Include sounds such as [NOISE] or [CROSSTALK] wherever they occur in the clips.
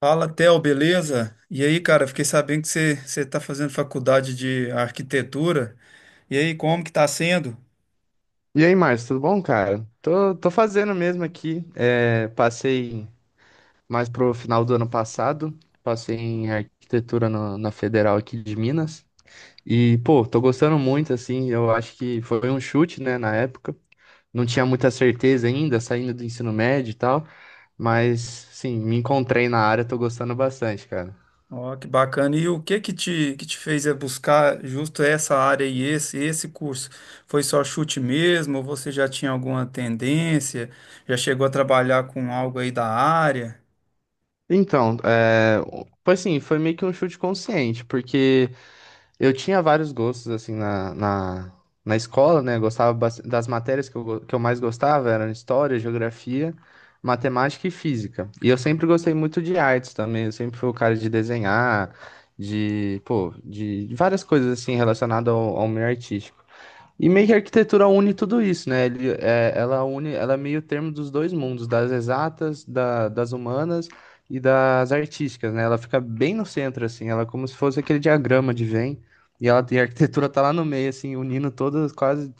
Fala, Theo, beleza? E aí, cara, fiquei sabendo que você está fazendo faculdade de arquitetura. E aí, como que está sendo? E aí, Márcio, tudo bom, cara? Tô fazendo mesmo aqui. É, passei mais pro final do ano passado, passei em arquitetura na Federal aqui de Minas. E, pô, tô gostando muito, assim, eu acho que foi um chute, né, na época. Não tinha muita certeza ainda, saindo do ensino médio e tal, mas, sim, me encontrei na área, tô gostando bastante, cara. Ó, que bacana. E o que que te fez buscar justo essa área e esse curso? Foi só chute mesmo? Ou você já tinha alguma tendência? Já chegou a trabalhar com algo aí da área? Então, é, foi assim, foi meio que um chute consciente, porque eu tinha vários gostos, assim, na escola, né? Eu gostava das matérias que eu, que eu mais gostava, eram história, geografia, matemática e física. E eu sempre gostei muito de artes também, eu sempre fui o cara de desenhar, de, pô, de várias coisas, assim, relacionadas ao meio artístico. E meio que a arquitetura une tudo isso, né? Ela une, ela é meio termo dos dois mundos, das exatas, das humanas e das artísticas, né? Ela fica bem no centro, assim, ela é como se fosse aquele diagrama de Venn, e ela e a arquitetura tá lá no meio, assim, unindo todas,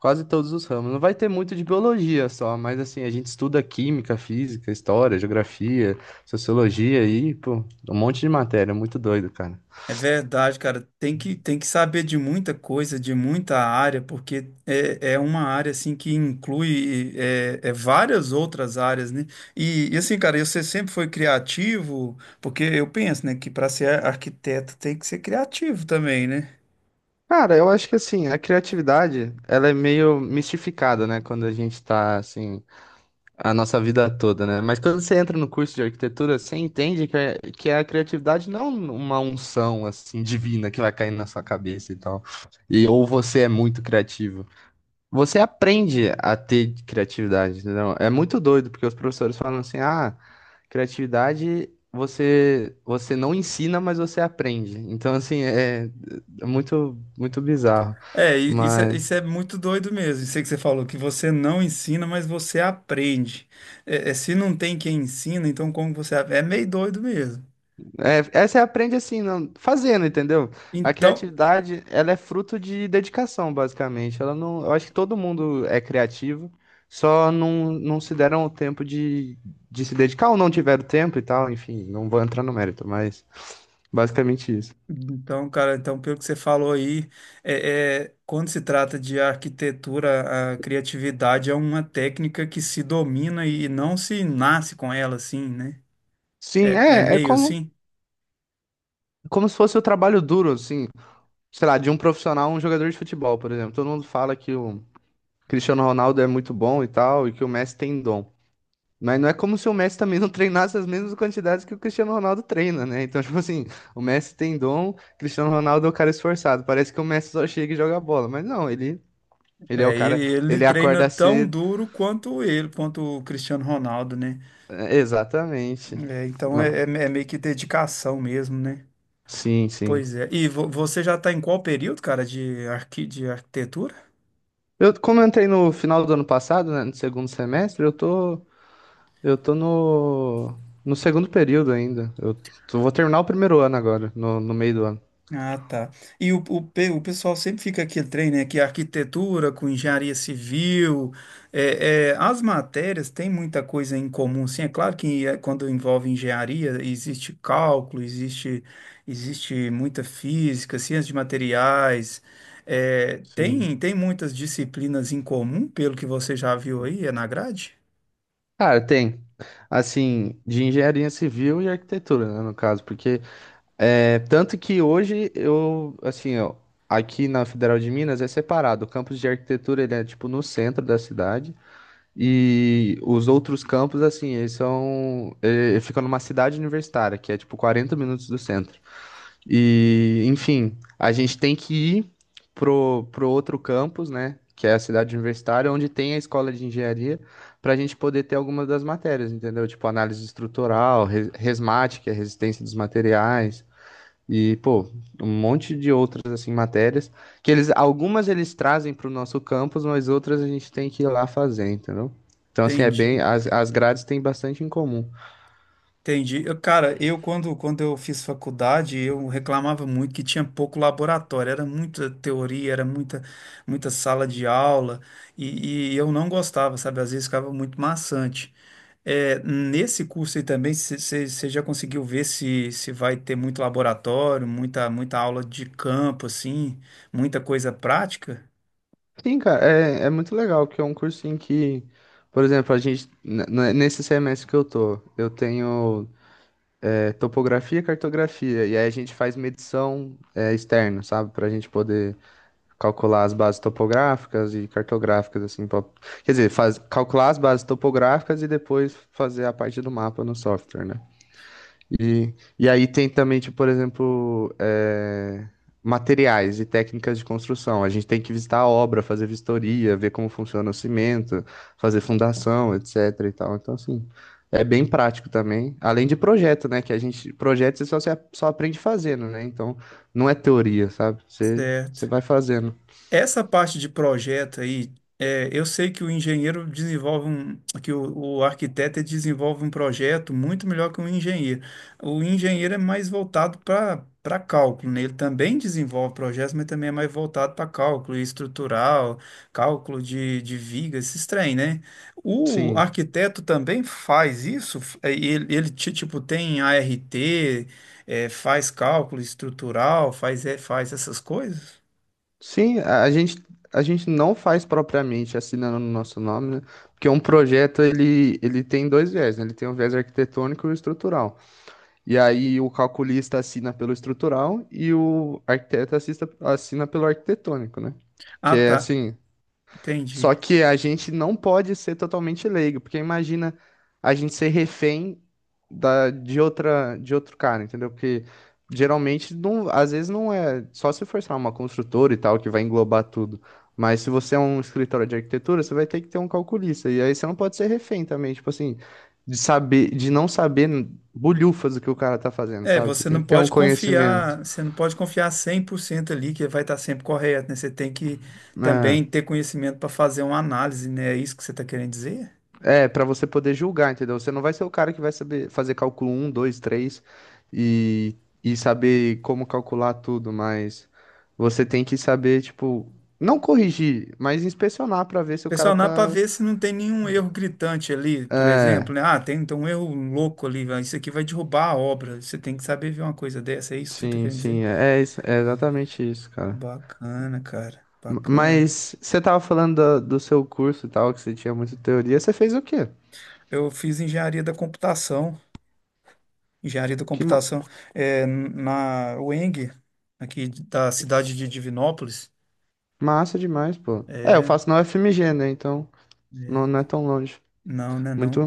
quase todos os ramos. Não vai ter muito de biologia só, mas assim, a gente estuda química, física, história, geografia, sociologia e, pô, um monte de matéria, muito doido, cara. É verdade, cara. Tem que saber de muita coisa, de muita área, porque é uma área assim que inclui é várias outras áreas, né? E, assim, cara, você sempre foi criativo, porque eu penso, né, que para ser arquiteto tem que ser criativo também, né? Cara, eu acho que assim, a criatividade, ela é meio mistificada, né? Quando a gente tá, assim, a nossa vida toda, né? Mas quando você entra no curso de arquitetura, você entende que, que a criatividade não é uma unção, assim, divina que vai cair na sua cabeça e tal. E ou você é muito criativo. Você aprende a ter criatividade, entendeu? É muito doido, porque os professores falam assim, ah, criatividade você não ensina, mas você aprende. Então, assim, é, é muito bizarro. Isso é muito doido mesmo. Sei que você falou que você não ensina, mas você aprende. É, é, se não tem quem ensina, então como você... É meio doido mesmo. É, é, você aprende assim, não, fazendo, entendeu? A Então, criatividade, ela é fruto de dedicação, basicamente. Ela não, eu acho que todo mundo é criativo, só não se deram o tempo de se dedicar ou não tiveram tempo e tal, enfim, não vou entrar no mérito, mas basicamente isso. então, cara, então pelo que você falou aí, é, é, quando se trata de arquitetura, a criatividade é uma técnica que se domina e não se nasce com ela, assim, né? Sim, É, é é, é meio como, assim. como se fosse o trabalho duro, assim, sei lá, de um profissional, um jogador de futebol, por exemplo. Todo mundo fala que o Cristiano Ronaldo é muito bom e tal, e que o Messi tem dom. Mas não é como se o Messi também não treinasse as mesmas quantidades que o Cristiano Ronaldo treina, né? Então, [LAUGHS] tipo assim, o Messi tem dom, o Cristiano Ronaldo é o cara esforçado. Parece que o Messi só chega e joga bola, mas não, ele é o É, cara, e ele ele treina acorda tão cedo. duro quanto ele, quanto o Cristiano Ronaldo, né? É, exatamente. É, então Ma- é, é meio que dedicação mesmo, né? Sim, sim. Pois é. E você já está em qual período, cara, de, arqui de arquitetura? Eu, como eu entrei no final do ano passado, né, no segundo semestre, eu tô no, no segundo período ainda. Vou terminar o primeiro ano agora, no meio do ano. Ah, tá. E o pessoal sempre fica aquele trem, né? Que é arquitetura com engenharia civil, é, é, as matérias têm muita coisa em comum, sim. É claro que é, quando envolve engenharia, existe cálculo, existe muita física, ciência de materiais, é, Sim. tem muitas disciplinas em comum, pelo que você já viu aí, é na grade? Cara, tem. Assim, de engenharia civil e arquitetura, né, no caso, porque é, tanto que hoje eu, assim, ó, aqui na Federal de Minas é separado. O campus de arquitetura, ele é tipo no centro da cidade e os outros campos, assim, ele fica numa cidade universitária, que é tipo 40 minutos do centro. E, enfim, a gente tem que ir pro outro campus, né? Que é a cidade universitária, onde tem a escola de engenharia, para a gente poder ter algumas das matérias, entendeu? Tipo análise estrutural, resmate, que é resistência dos materiais, e, pô, um monte de outras, assim, matérias, que eles, algumas eles trazem para o nosso campus, mas outras a gente tem que ir lá fazer, entendeu? Então, assim, é bem, Entendi. As grades têm bastante em comum. Entendi. Cara, quando eu fiz faculdade, eu reclamava muito que tinha pouco laboratório, era muita teoria, muita sala de aula, e eu não gostava, sabe? Às vezes ficava muito maçante. É, nesse curso aí também, você já conseguiu ver se vai ter muito laboratório, muita aula de campo, assim, muita coisa prática? Sim, cara, é, é muito legal, porque é um curso em que, por exemplo, a gente, nesse semestre que eu tô, eu tenho é, topografia e cartografia, e aí a gente faz medição é, externa, sabe? Pra gente poder calcular as bases topográficas e cartográficas, assim, quer dizer, faz, calcular as bases topográficas e depois fazer a parte do mapa no software, né? E aí tem também, tipo, por exemplo, eh, materiais e técnicas de construção. A gente tem que visitar a obra, fazer vistoria, ver como funciona o cimento, fazer fundação, etc. e tal. Então, assim, é bem prático também. Além de projeto, né? Que a gente, projeto você só, se a- só aprende fazendo, né? Então, não é teoria, sabe? Você, você Certo. vai fazendo. Essa parte de projeto aí, é, eu sei que o engenheiro desenvolve um, que o arquiteto ele desenvolve um projeto muito melhor que o engenheiro. O engenheiro é mais voltado para cálculo, né? Ele também desenvolve projetos, mas também é mais voltado para cálculo estrutural, cálculo de vigas, esses trem, né? O Sim. arquiteto também faz isso, tipo tem a ART, é, faz cálculo estrutural, faz, é, faz essas coisas? Sim, a gente não faz propriamente assinando no nosso nome, né? Porque um projeto ele, ele tem dois viés, né? Ele tem o viés arquitetônico e o estrutural. E aí o calculista assina pelo estrutural e o arquiteto assina pelo arquitetônico, né? Que Ah, é tá. assim, Entendi. só que a gente não pode ser totalmente leigo, porque imagina a gente ser refém de de outro cara, entendeu? Porque geralmente, não, às vezes não é só se for, sei lá, uma construtora e tal, que vai englobar tudo. Mas se você é um escritório de arquitetura, você vai ter que ter um calculista. E aí você não pode ser refém também, tipo assim, de não saber bulhufas do que o cara tá fazendo, É, sabe? Você tem que ter um conhecimento, você não pode confiar 100% ali que vai estar sempre correto, né? Você tem que né? também ter conhecimento para fazer uma análise, né? É isso que você está querendo dizer? É, pra você poder julgar, entendeu? Você não vai ser o cara que vai saber fazer cálculo um, 2, 3 e, e saber como calcular tudo, mas você tem que saber, tipo, não corrigir, mas inspecionar pra ver se o cara Pressionar para tá. ver se não tem nenhum erro gritante ali, por exemplo, É, né? Ah, tem então, um erro louco ali, isso aqui vai derrubar a obra. Você tem que saber ver uma coisa dessa, é isso que você está querendo dizer? sim, é, é exatamente isso, cara. Bacana, cara, bacana. Mas você tava falando do, seu curso e tal, que você tinha muita teoria, você fez o quê? Eu fiz engenharia da computação. Engenharia da Que ma- computação, é, na UENG, aqui da cidade de Divinópolis. Massa demais, pô. É, eu É, faço na UFMG, né? Então não é tão longe. não, né, Muito, não.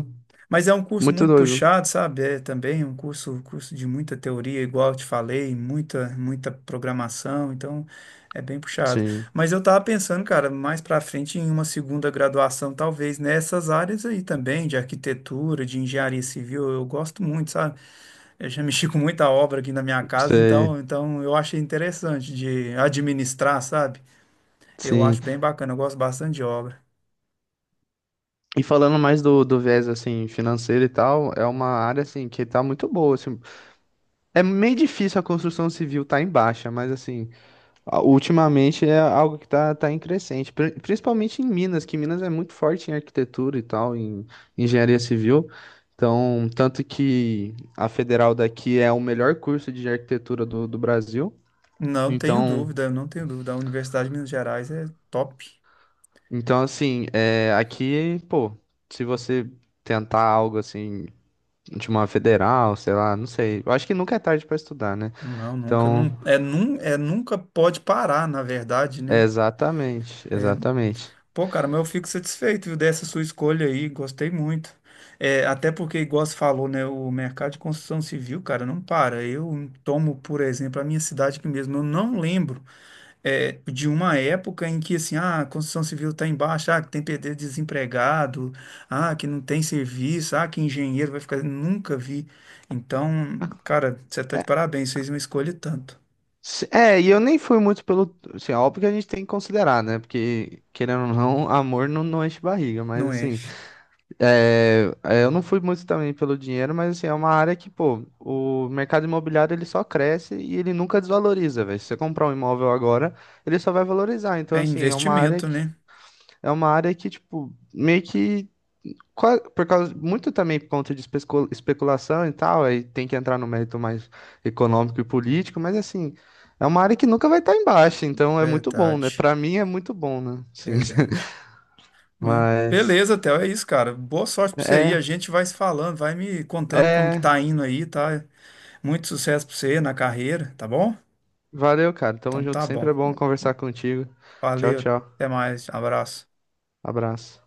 Mas é um curso muito muito doido. puxado, sabe? É também curso de muita teoria, igual eu te falei, muita programação, então é bem puxado. Sim. Mas eu tava pensando, cara, mais pra frente em uma segunda graduação, talvez nessas áreas aí também, de arquitetura, de engenharia civil, eu gosto muito, sabe? Eu já mexi com muita obra aqui na minha casa, Sei, então eu achei interessante de administrar, sabe? Eu sim. acho bem bacana, eu gosto bastante de obra. E falando mais do, do viés assim financeiro e tal, é uma área assim que tá muito boa, assim. É meio difícil a construção civil tá em baixa, mas assim, ultimamente é algo que tá em crescente, principalmente em Minas, que Minas é muito forte em arquitetura e tal, em engenharia civil. Então, tanto que a federal daqui é o melhor curso de arquitetura do Brasil. Então, Não tenho dúvida. A Universidade de Minas Gerais é top. então assim, é, aqui, pô, se você tentar algo assim de uma federal, sei lá, não sei. Eu acho que nunca é tarde pra estudar, né? Não, nunca, Então, não, é nunca pode parar, na verdade, é né? exatamente, exatamente. Pô, cara, mas eu fico satisfeito, viu, dessa sua escolha aí, gostei muito. É, até porque, igual você falou, né, o mercado de construção civil, cara, não para. Eu tomo, por exemplo, a minha cidade aqui mesmo, eu não lembro. É, de uma época em que assim, ah, a construção civil está em baixa, ah, que tem PD desempregado, ah, que não tem serviço, ah, que engenheiro vai ficar. Nunca vi. Então, cara, você tá de É, parabéns, fez uma escolha e tanto. É, e eu nem fui muito pelo. Assim, é óbvio que a gente tem que considerar, né? Porque, querendo ou não, amor não enche barriga, mas Não assim. enche. É, é, eu não fui muito também pelo dinheiro, mas assim, é uma área que, pô, o mercado imobiliário ele só cresce e ele nunca desvaloriza, velho. Se você comprar um imóvel agora, ele só vai valorizar. Então, É assim, investimento, né? é uma área que, tipo, meio que por causa, muito também por conta de especulação e tal, aí tem que entrar no mérito mais econômico e político, mas assim, é uma área que nunca vai estar em baixa, então é muito bom, né? Verdade, Pra mim é muito bom, né? Sim. [LAUGHS] verdade. Mãe. Mas Beleza, Theo, é isso, cara. Boa sorte pra você aí. é, A gente vai se falando, vai me contando como que é. tá indo aí, tá? Muito sucesso pra você na carreira, tá bom? Valeu, cara. Tamo Então junto. tá bom. Sempre é bom conversar contigo. Tchau, Valeu, tchau. até mais, abraço. Abraço.